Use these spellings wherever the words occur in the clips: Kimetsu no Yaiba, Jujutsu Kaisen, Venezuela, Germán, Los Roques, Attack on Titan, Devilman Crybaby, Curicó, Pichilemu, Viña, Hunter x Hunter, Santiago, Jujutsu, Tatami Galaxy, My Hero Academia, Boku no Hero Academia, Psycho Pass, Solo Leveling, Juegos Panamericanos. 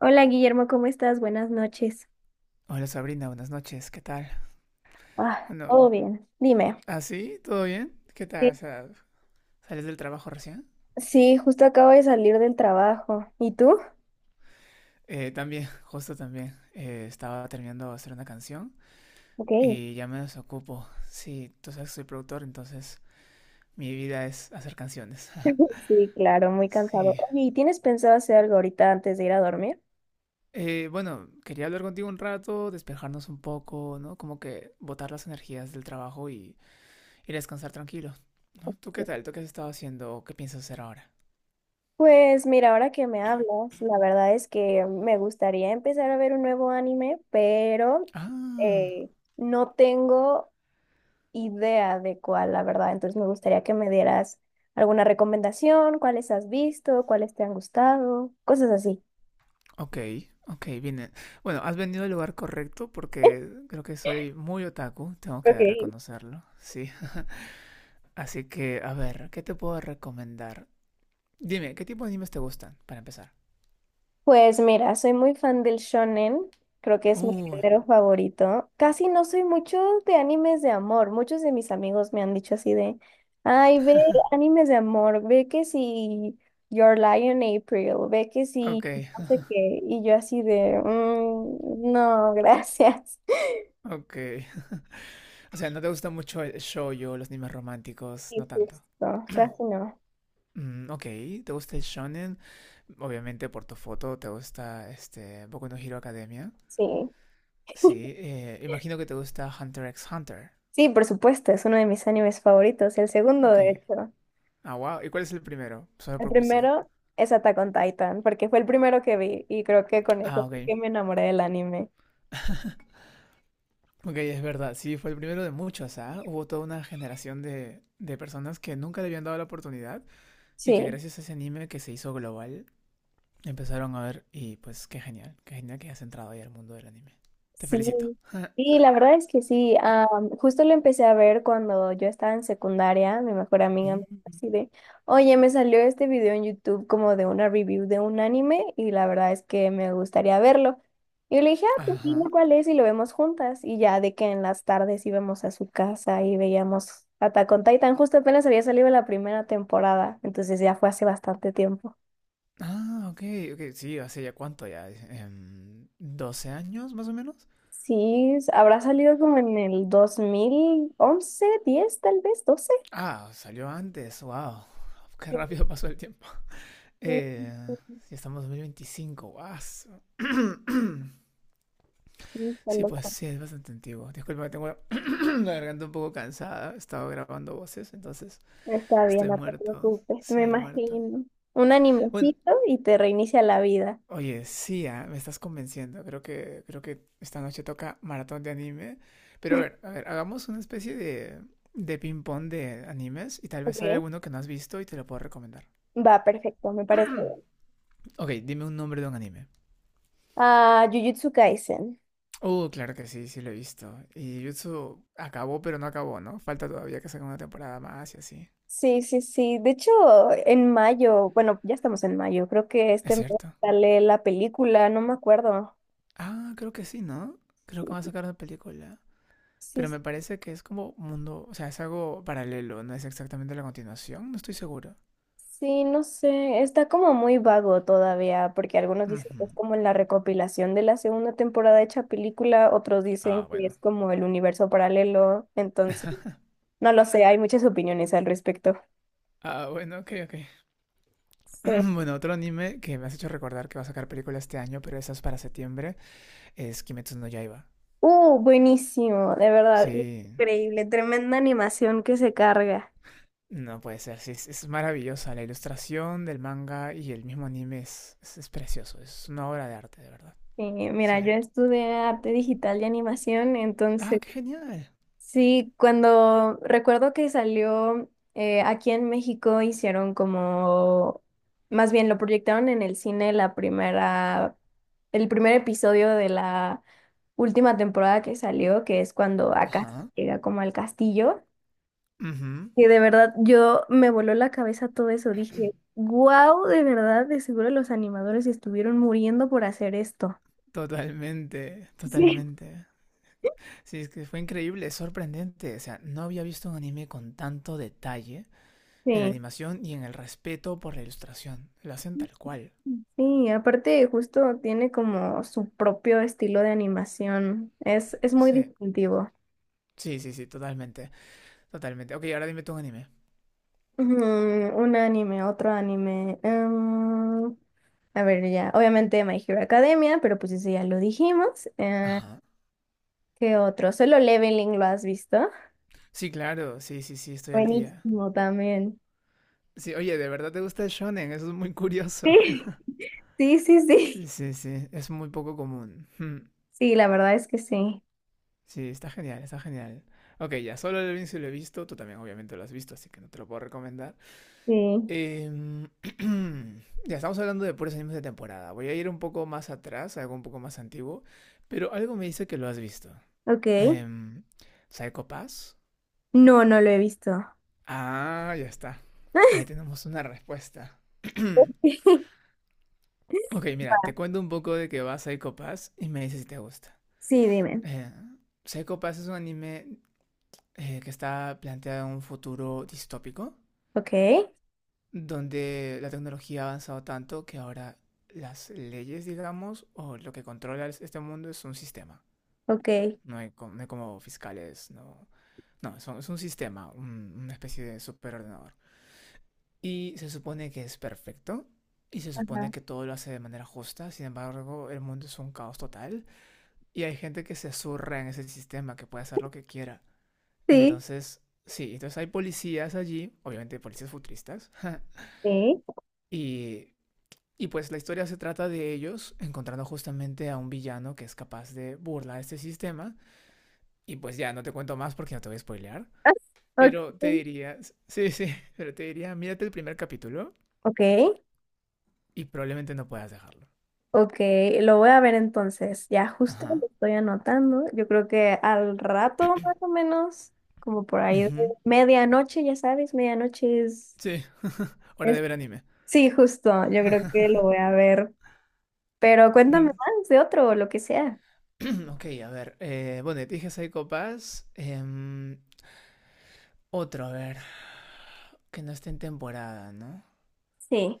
Hola Guillermo, ¿cómo estás? Buenas noches. Hola Sabrina, buenas noches, ¿qué tal? Ah, Bueno, todo bien. Dime. ¿así? ¿Todo bien? ¿Qué tal? O Sí, sea, ¿sales del trabajo recién? sí, justo acabo de salir del trabajo. ¿Y tú? También, justo también. Estaba terminando de hacer una canción Ok. y ya me desocupo. Sí, tú sabes que soy productor, entonces mi vida es hacer canciones. Sí, claro, muy cansado. Sí. Oye, ¿y tienes pensado hacer algo ahorita antes de ir a dormir? Bueno, quería hablar contigo un rato, despejarnos un poco, ¿no? Como que botar las energías del trabajo y ir a descansar tranquilo, ¿no? ¿Tú qué tal? ¿Tú qué has estado haciendo? ¿O qué piensas hacer ahora? Pues mira, ahora que me hablas, la verdad es que me gustaría empezar a ver un nuevo anime, pero Ah. eh, no tengo idea de cuál, la verdad. Entonces me gustaría que me dieras alguna recomendación, cuáles has visto, cuáles te han gustado, cosas así. Ok, ok, bien. Bueno, has venido al lugar correcto porque creo que soy muy otaku, tengo Ok. que reconocerlo, sí. Así que, a ver, ¿qué te puedo recomendar? Dime, ¿qué tipo de animes te gustan, para empezar? Pues mira, soy muy fan del shonen, creo que es mi Uh, género favorito. Casi no soy mucho de animes de amor, muchos de mis amigos me han dicho así de, ay, ve animes de amor, ve que si Your Lion April, ve que si ok, no sé qué, y yo así de, "Mm, no, gracias." ok. O sea, ¿no te gusta mucho el shoujo, los animes románticos? No Y tanto. justo, casi no, Mm, ok, ¿te gusta el shonen? Obviamente por tu foto, ¿te gusta este Boku no Hero Academia? sí. Sí, imagino que te gusta Hunter x Hunter. Sí, por supuesto, es uno de mis animes favoritos, el segundo Ok. de hecho. Ah, wow. ¿Y cuál es el primero? Solo El por curiosidad. primero es Attack on Titan, porque fue el primero que vi y creo que con Ah, eso fue ok. que me enamoré del anime. Ok, es verdad. Sí, fue el primero de muchos, ¿ah? Hubo toda una generación de personas que nunca le habían dado la oportunidad y que Sí. gracias a ese anime que se hizo global empezaron a ver y pues qué genial. Qué genial que hayas entrado ahí al mundo del anime. Te Sí, felicito. sí, la verdad es que sí. Justo lo empecé a ver cuando yo estaba en secundaria. Mi mejor amiga me dijo Mm. así de, oye, me salió este video en YouTube como de una review de un anime y la verdad es que me gustaría verlo. Y yo le dije, ah, pues dime Ajá. cuál es y lo vemos juntas. Y ya de que en las tardes íbamos a su casa y veíamos Attack on Titan. Justo apenas había salido la primera temporada, entonces ya fue hace bastante tiempo. Ah, ok, ok. Sí, hace ya cuánto ya. ¿12 años más o menos? Sí, habrá salido como en el 2011, 10 tal vez, 12. Ah, salió antes. Wow. Qué Sí, rápido pasó el tiempo. sí, Eh, sí, ya estamos en 2025, guas. sí, está Sí, pues loco. sí, es bastante antiguo. Disculpa, tengo la, la garganta un poco cansada. He estado grabando voces, entonces Está bien, estoy no te muerto. preocupes, me Sí, muerto. imagino. Un Bueno, animecito y te reinicia la vida. oye, sí, ah, me estás convenciendo. Creo que esta noche toca maratón de anime. Pero a ver, hagamos una especie de, ping-pong de animes y tal vez sale Ok. alguno que no has visto y te lo puedo recomendar. Va, perfecto, me parece bien. Ok, dime un nombre de un anime. Ah, Jujutsu Kaisen. Claro que sí, sí lo he visto. Y Jujutsu acabó, pero no acabó, ¿no? Falta todavía que saquen una temporada más y así. Sí, sí, sí. De hecho, en mayo, bueno, ya estamos en mayo, creo que Es este mes cierto. sale la película, no me acuerdo. Ah, creo que sí, ¿no? Creo que van a sacar una película. Sí, Pero sí, me parece que es como mundo, o sea, es algo paralelo, no es exactamente la continuación, no estoy seguro. sí, no sé, está como muy vago todavía, porque algunos dicen que es Ujú. como la recopilación de la segunda temporada hecha película, otros dicen Ah, que bueno. es como el universo paralelo, entonces, no lo sé, hay muchas opiniones al respecto. Ah, bueno, ok, ok. Sí. Bueno, otro anime que me has hecho recordar que va a sacar película este año, pero esa es para septiembre, es Kimetsu no Yaiba. Buenísimo, de verdad, Sí. increíble, tremenda animación que se carga. No puede ser, sí, es maravillosa. La ilustración del manga y el mismo anime es precioso. Es una obra de arte, de verdad. Sí, mira, Sí. yo estudié arte digital y animación, Ah, entonces qué genial. sí, cuando recuerdo que salió aquí en México hicieron como, más bien lo proyectaron en el cine la primera, el primer episodio de la última temporada que salió, que es cuando acá Ajá. llega como al castillo, Ujú. que de verdad yo me voló la cabeza todo eso, dije, wow, de verdad, de seguro los animadores estuvieron muriendo por hacer esto. Totalmente, Sí. totalmente. Sí, es que fue increíble, es sorprendente. O sea, no había visto un anime con tanto detalle en la Sí. animación y en el respeto por la ilustración. Lo hacen tal cual. Sí, aparte justo tiene como su propio estilo de animación. Es muy Sí, distintivo. sí, sí, sí, totalmente, totalmente. Ok, ahora dime tú un anime. Ujú, un anime, otro anime. A ver, ya. Obviamente My Hero Academia, pero pues eso ya lo dijimos. Ajá. ¿Qué otro? Solo Leveling, ¿lo has visto? Sí, claro, sí, sí, sí, estoy al día. Buenísimo también. Sí, oye, ¿de verdad te gusta el shonen? Eso es muy curioso. Sí. Sí, sí, Sí, sí. sí, sí, es muy poco común. Hmm. Sí, la verdad es que sí. Sí, está genial, está genial. Ok, ya, solo el Vinci lo he visto, tú también obviamente lo has visto, así que no te lo puedo recomendar. Sí. Em, ya, estamos hablando de puros animes de temporada. Voy a ir un poco más atrás, algo un poco más antiguo, pero algo me dice que lo has visto. Ok. Em, ¿Psycho Pass? No, no lo he visto. Ah, ya está. Ahí tenemos una respuesta. Ok, mira, te cuento un poco de que va Psycho Pass y me dices si te gusta. Sí, dime. Eh, Psycho Pass es un anime que está planteado en un futuro distópico, Ok, donde la tecnología ha avanzado tanto que ahora las leyes, digamos, o lo que controla este mundo es un sistema. ok. No hay, no hay como fiscales, no. No, es un sistema, una especie de superordenador. Y se supone que es perfecto, y se supone que todo lo hace de manera justa, sin embargo, el mundo es un caos total, y hay gente que se zurra en ese sistema, que puede hacer lo que quiera. Sí. Entonces, sí, entonces hay policías allí, obviamente policías futuristas, Sí. y, y pues la historia se trata de ellos encontrando justamente a un villano que es capaz de burlar este sistema, y pues ya no te cuento más porque no te voy a spoilear, Ah, ok, pero te diría, sí, sí, pero te diría, mírate el primer capítulo ok, y probablemente no puedas dejarlo. ok, lo voy a ver entonces. Ya justo Ajá. lo estoy anotando. Yo creo que al rato más o menos, como por ahí de Ujú. medianoche, ya sabes, medianoche Sí, hora de es... ver anime. Sí, justo, yo creo que lo voy a ver. Pero cuéntame Mm, más de otro o lo que sea. Ok, a ver. Bueno, te dije Psycho Pass. Otro, a ver. Que no esté en temporada, ¿no? Sí,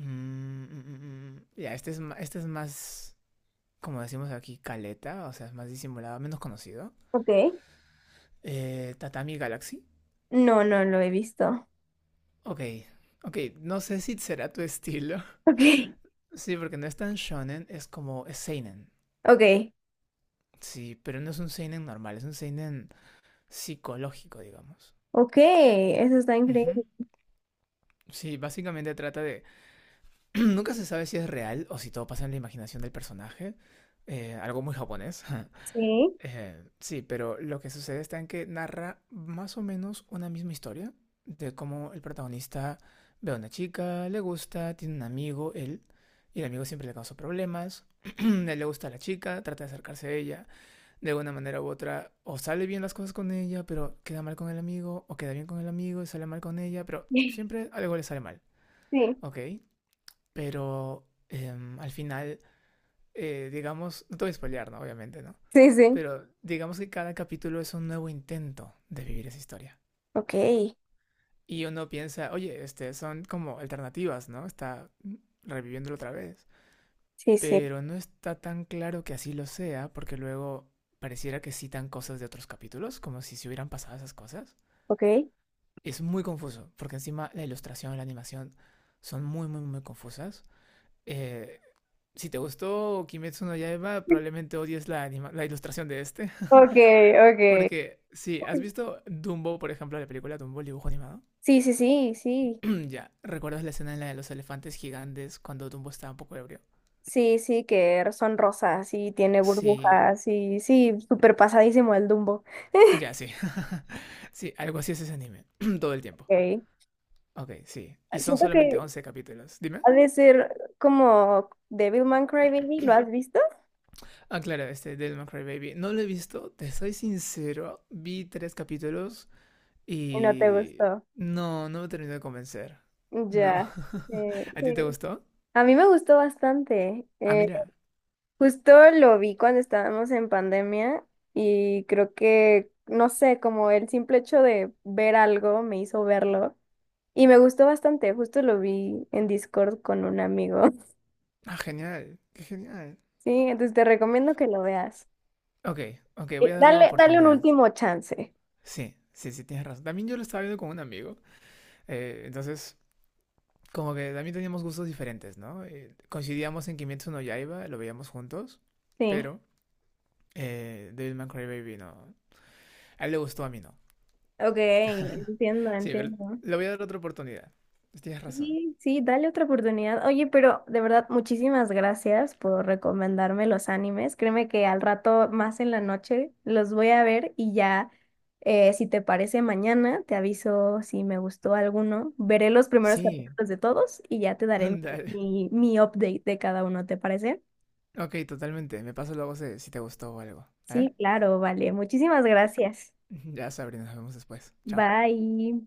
Mm. Ya, este es, este es más, como decimos aquí, caleta, o sea, es más disimulado, menos conocido. ok. Tatami Galaxy. No, no lo he visto. Ok, ok, no sé si será tu estilo. Ok, Sí, porque no es tan shonen, es como, es seinen. ok, Sí, pero no es un seinen normal, es un seinen psicológico, digamos. ok, eso está increíble. Ujú. Sí, básicamente trata de... Nunca se sabe si es real o si todo pasa en la imaginación del personaje. Algo muy japonés. Sí, Sí, pero lo que sucede está en que narra más o menos una misma historia de cómo el protagonista ve a una chica, le gusta, tiene un amigo, él, y el amigo siempre le causa problemas, él le gusta a la chica, trata de acercarse a ella, de una manera u otra, o sale bien las cosas con ella, pero queda mal con el amigo, o queda bien con el amigo y sale mal con ella, pero sí, siempre algo le sale mal, ¿ok? Pero al final digamos, no te voy a spoilear, ¿no? Obviamente, ¿no? sí, sí. Pero digamos que cada capítulo es un nuevo intento de vivir esa historia. Ok, sí, Y uno piensa, oye, este, son como alternativas, ¿no? Está reviviéndolo otra vez. sí. Pero no está tan claro que así lo sea, porque luego pareciera que citan cosas de otros capítulos, como si se hubieran pasado esas cosas. Ok. Es muy confuso, porque encima la ilustración, la animación son muy, muy, muy confusas. Eh, si te gustó Kimetsu no Yaiba, probablemente odies la, anima la ilustración de este. Ok, ok. Porque, sí, ¿has visto Dumbo, por ejemplo, la película Dumbo, el dibujo animado? Sí, sí, sí, sí. Ya, ¿recuerdas la escena en la de los elefantes gigantes cuando Dumbo estaba un poco ebrio? Sí, sí, que son rosas y tiene Sí, burbujas y sí, súper pasadísimo el Dumbo. ya, sí. Sí, algo así es ese anime, todo el tiempo. Ok. Ok, sí. Y son Siento solamente que 11 capítulos. Dime. ha de ser como Devilman Crybaby, ¿lo has visto? Ah, claro, este Devil May Cry Baby. No lo he visto, te soy sincero. Vi tres capítulos Y no te y... gustó. No, no me terminó de convencer. No. Ya. ¿A ti Sí. te gustó? A mí me gustó bastante. Ah, mira. Justo lo vi cuando estábamos en pandemia y creo que, no sé, como el simple hecho de ver algo me hizo verlo. Y me gustó bastante, justo lo vi en Discord con un amigo. Ah, genial. Qué genial. Sí, entonces te recomiendo que lo veas. Ok, ok, voy a darle una Dale, dale un oportunidad. último chance. Sí, sí, sí, tienes razón. También yo lo estaba viendo con un amigo, entonces como que también teníamos gustos diferentes, ¿no? Coincidíamos en Kimetsu no Yaiba, lo veíamos juntos, Sí. pero Devilman Crybaby no. A él le gustó, a mí no. Ok, entiendo, Sí, pero entiendo. le voy a dar otra oportunidad. Tienes razón. Sí, sí, dale otra oportunidad. Oye, pero de verdad, muchísimas gracias por recomendarme los animes. Créeme que al rato, más en la noche, los voy a ver y ya, si te parece mañana, te aviso si me gustó alguno. Veré los primeros Sí, capítulos de todos y ya te daré dale. mi update de cada uno, ¿te parece? Ok, totalmente. Me paso luego si, si te gustó o algo. ¿Vale? Sí, claro, vale. Muchísimas gracias. Ya, Sabrina, nos vemos después. Chao. Bye.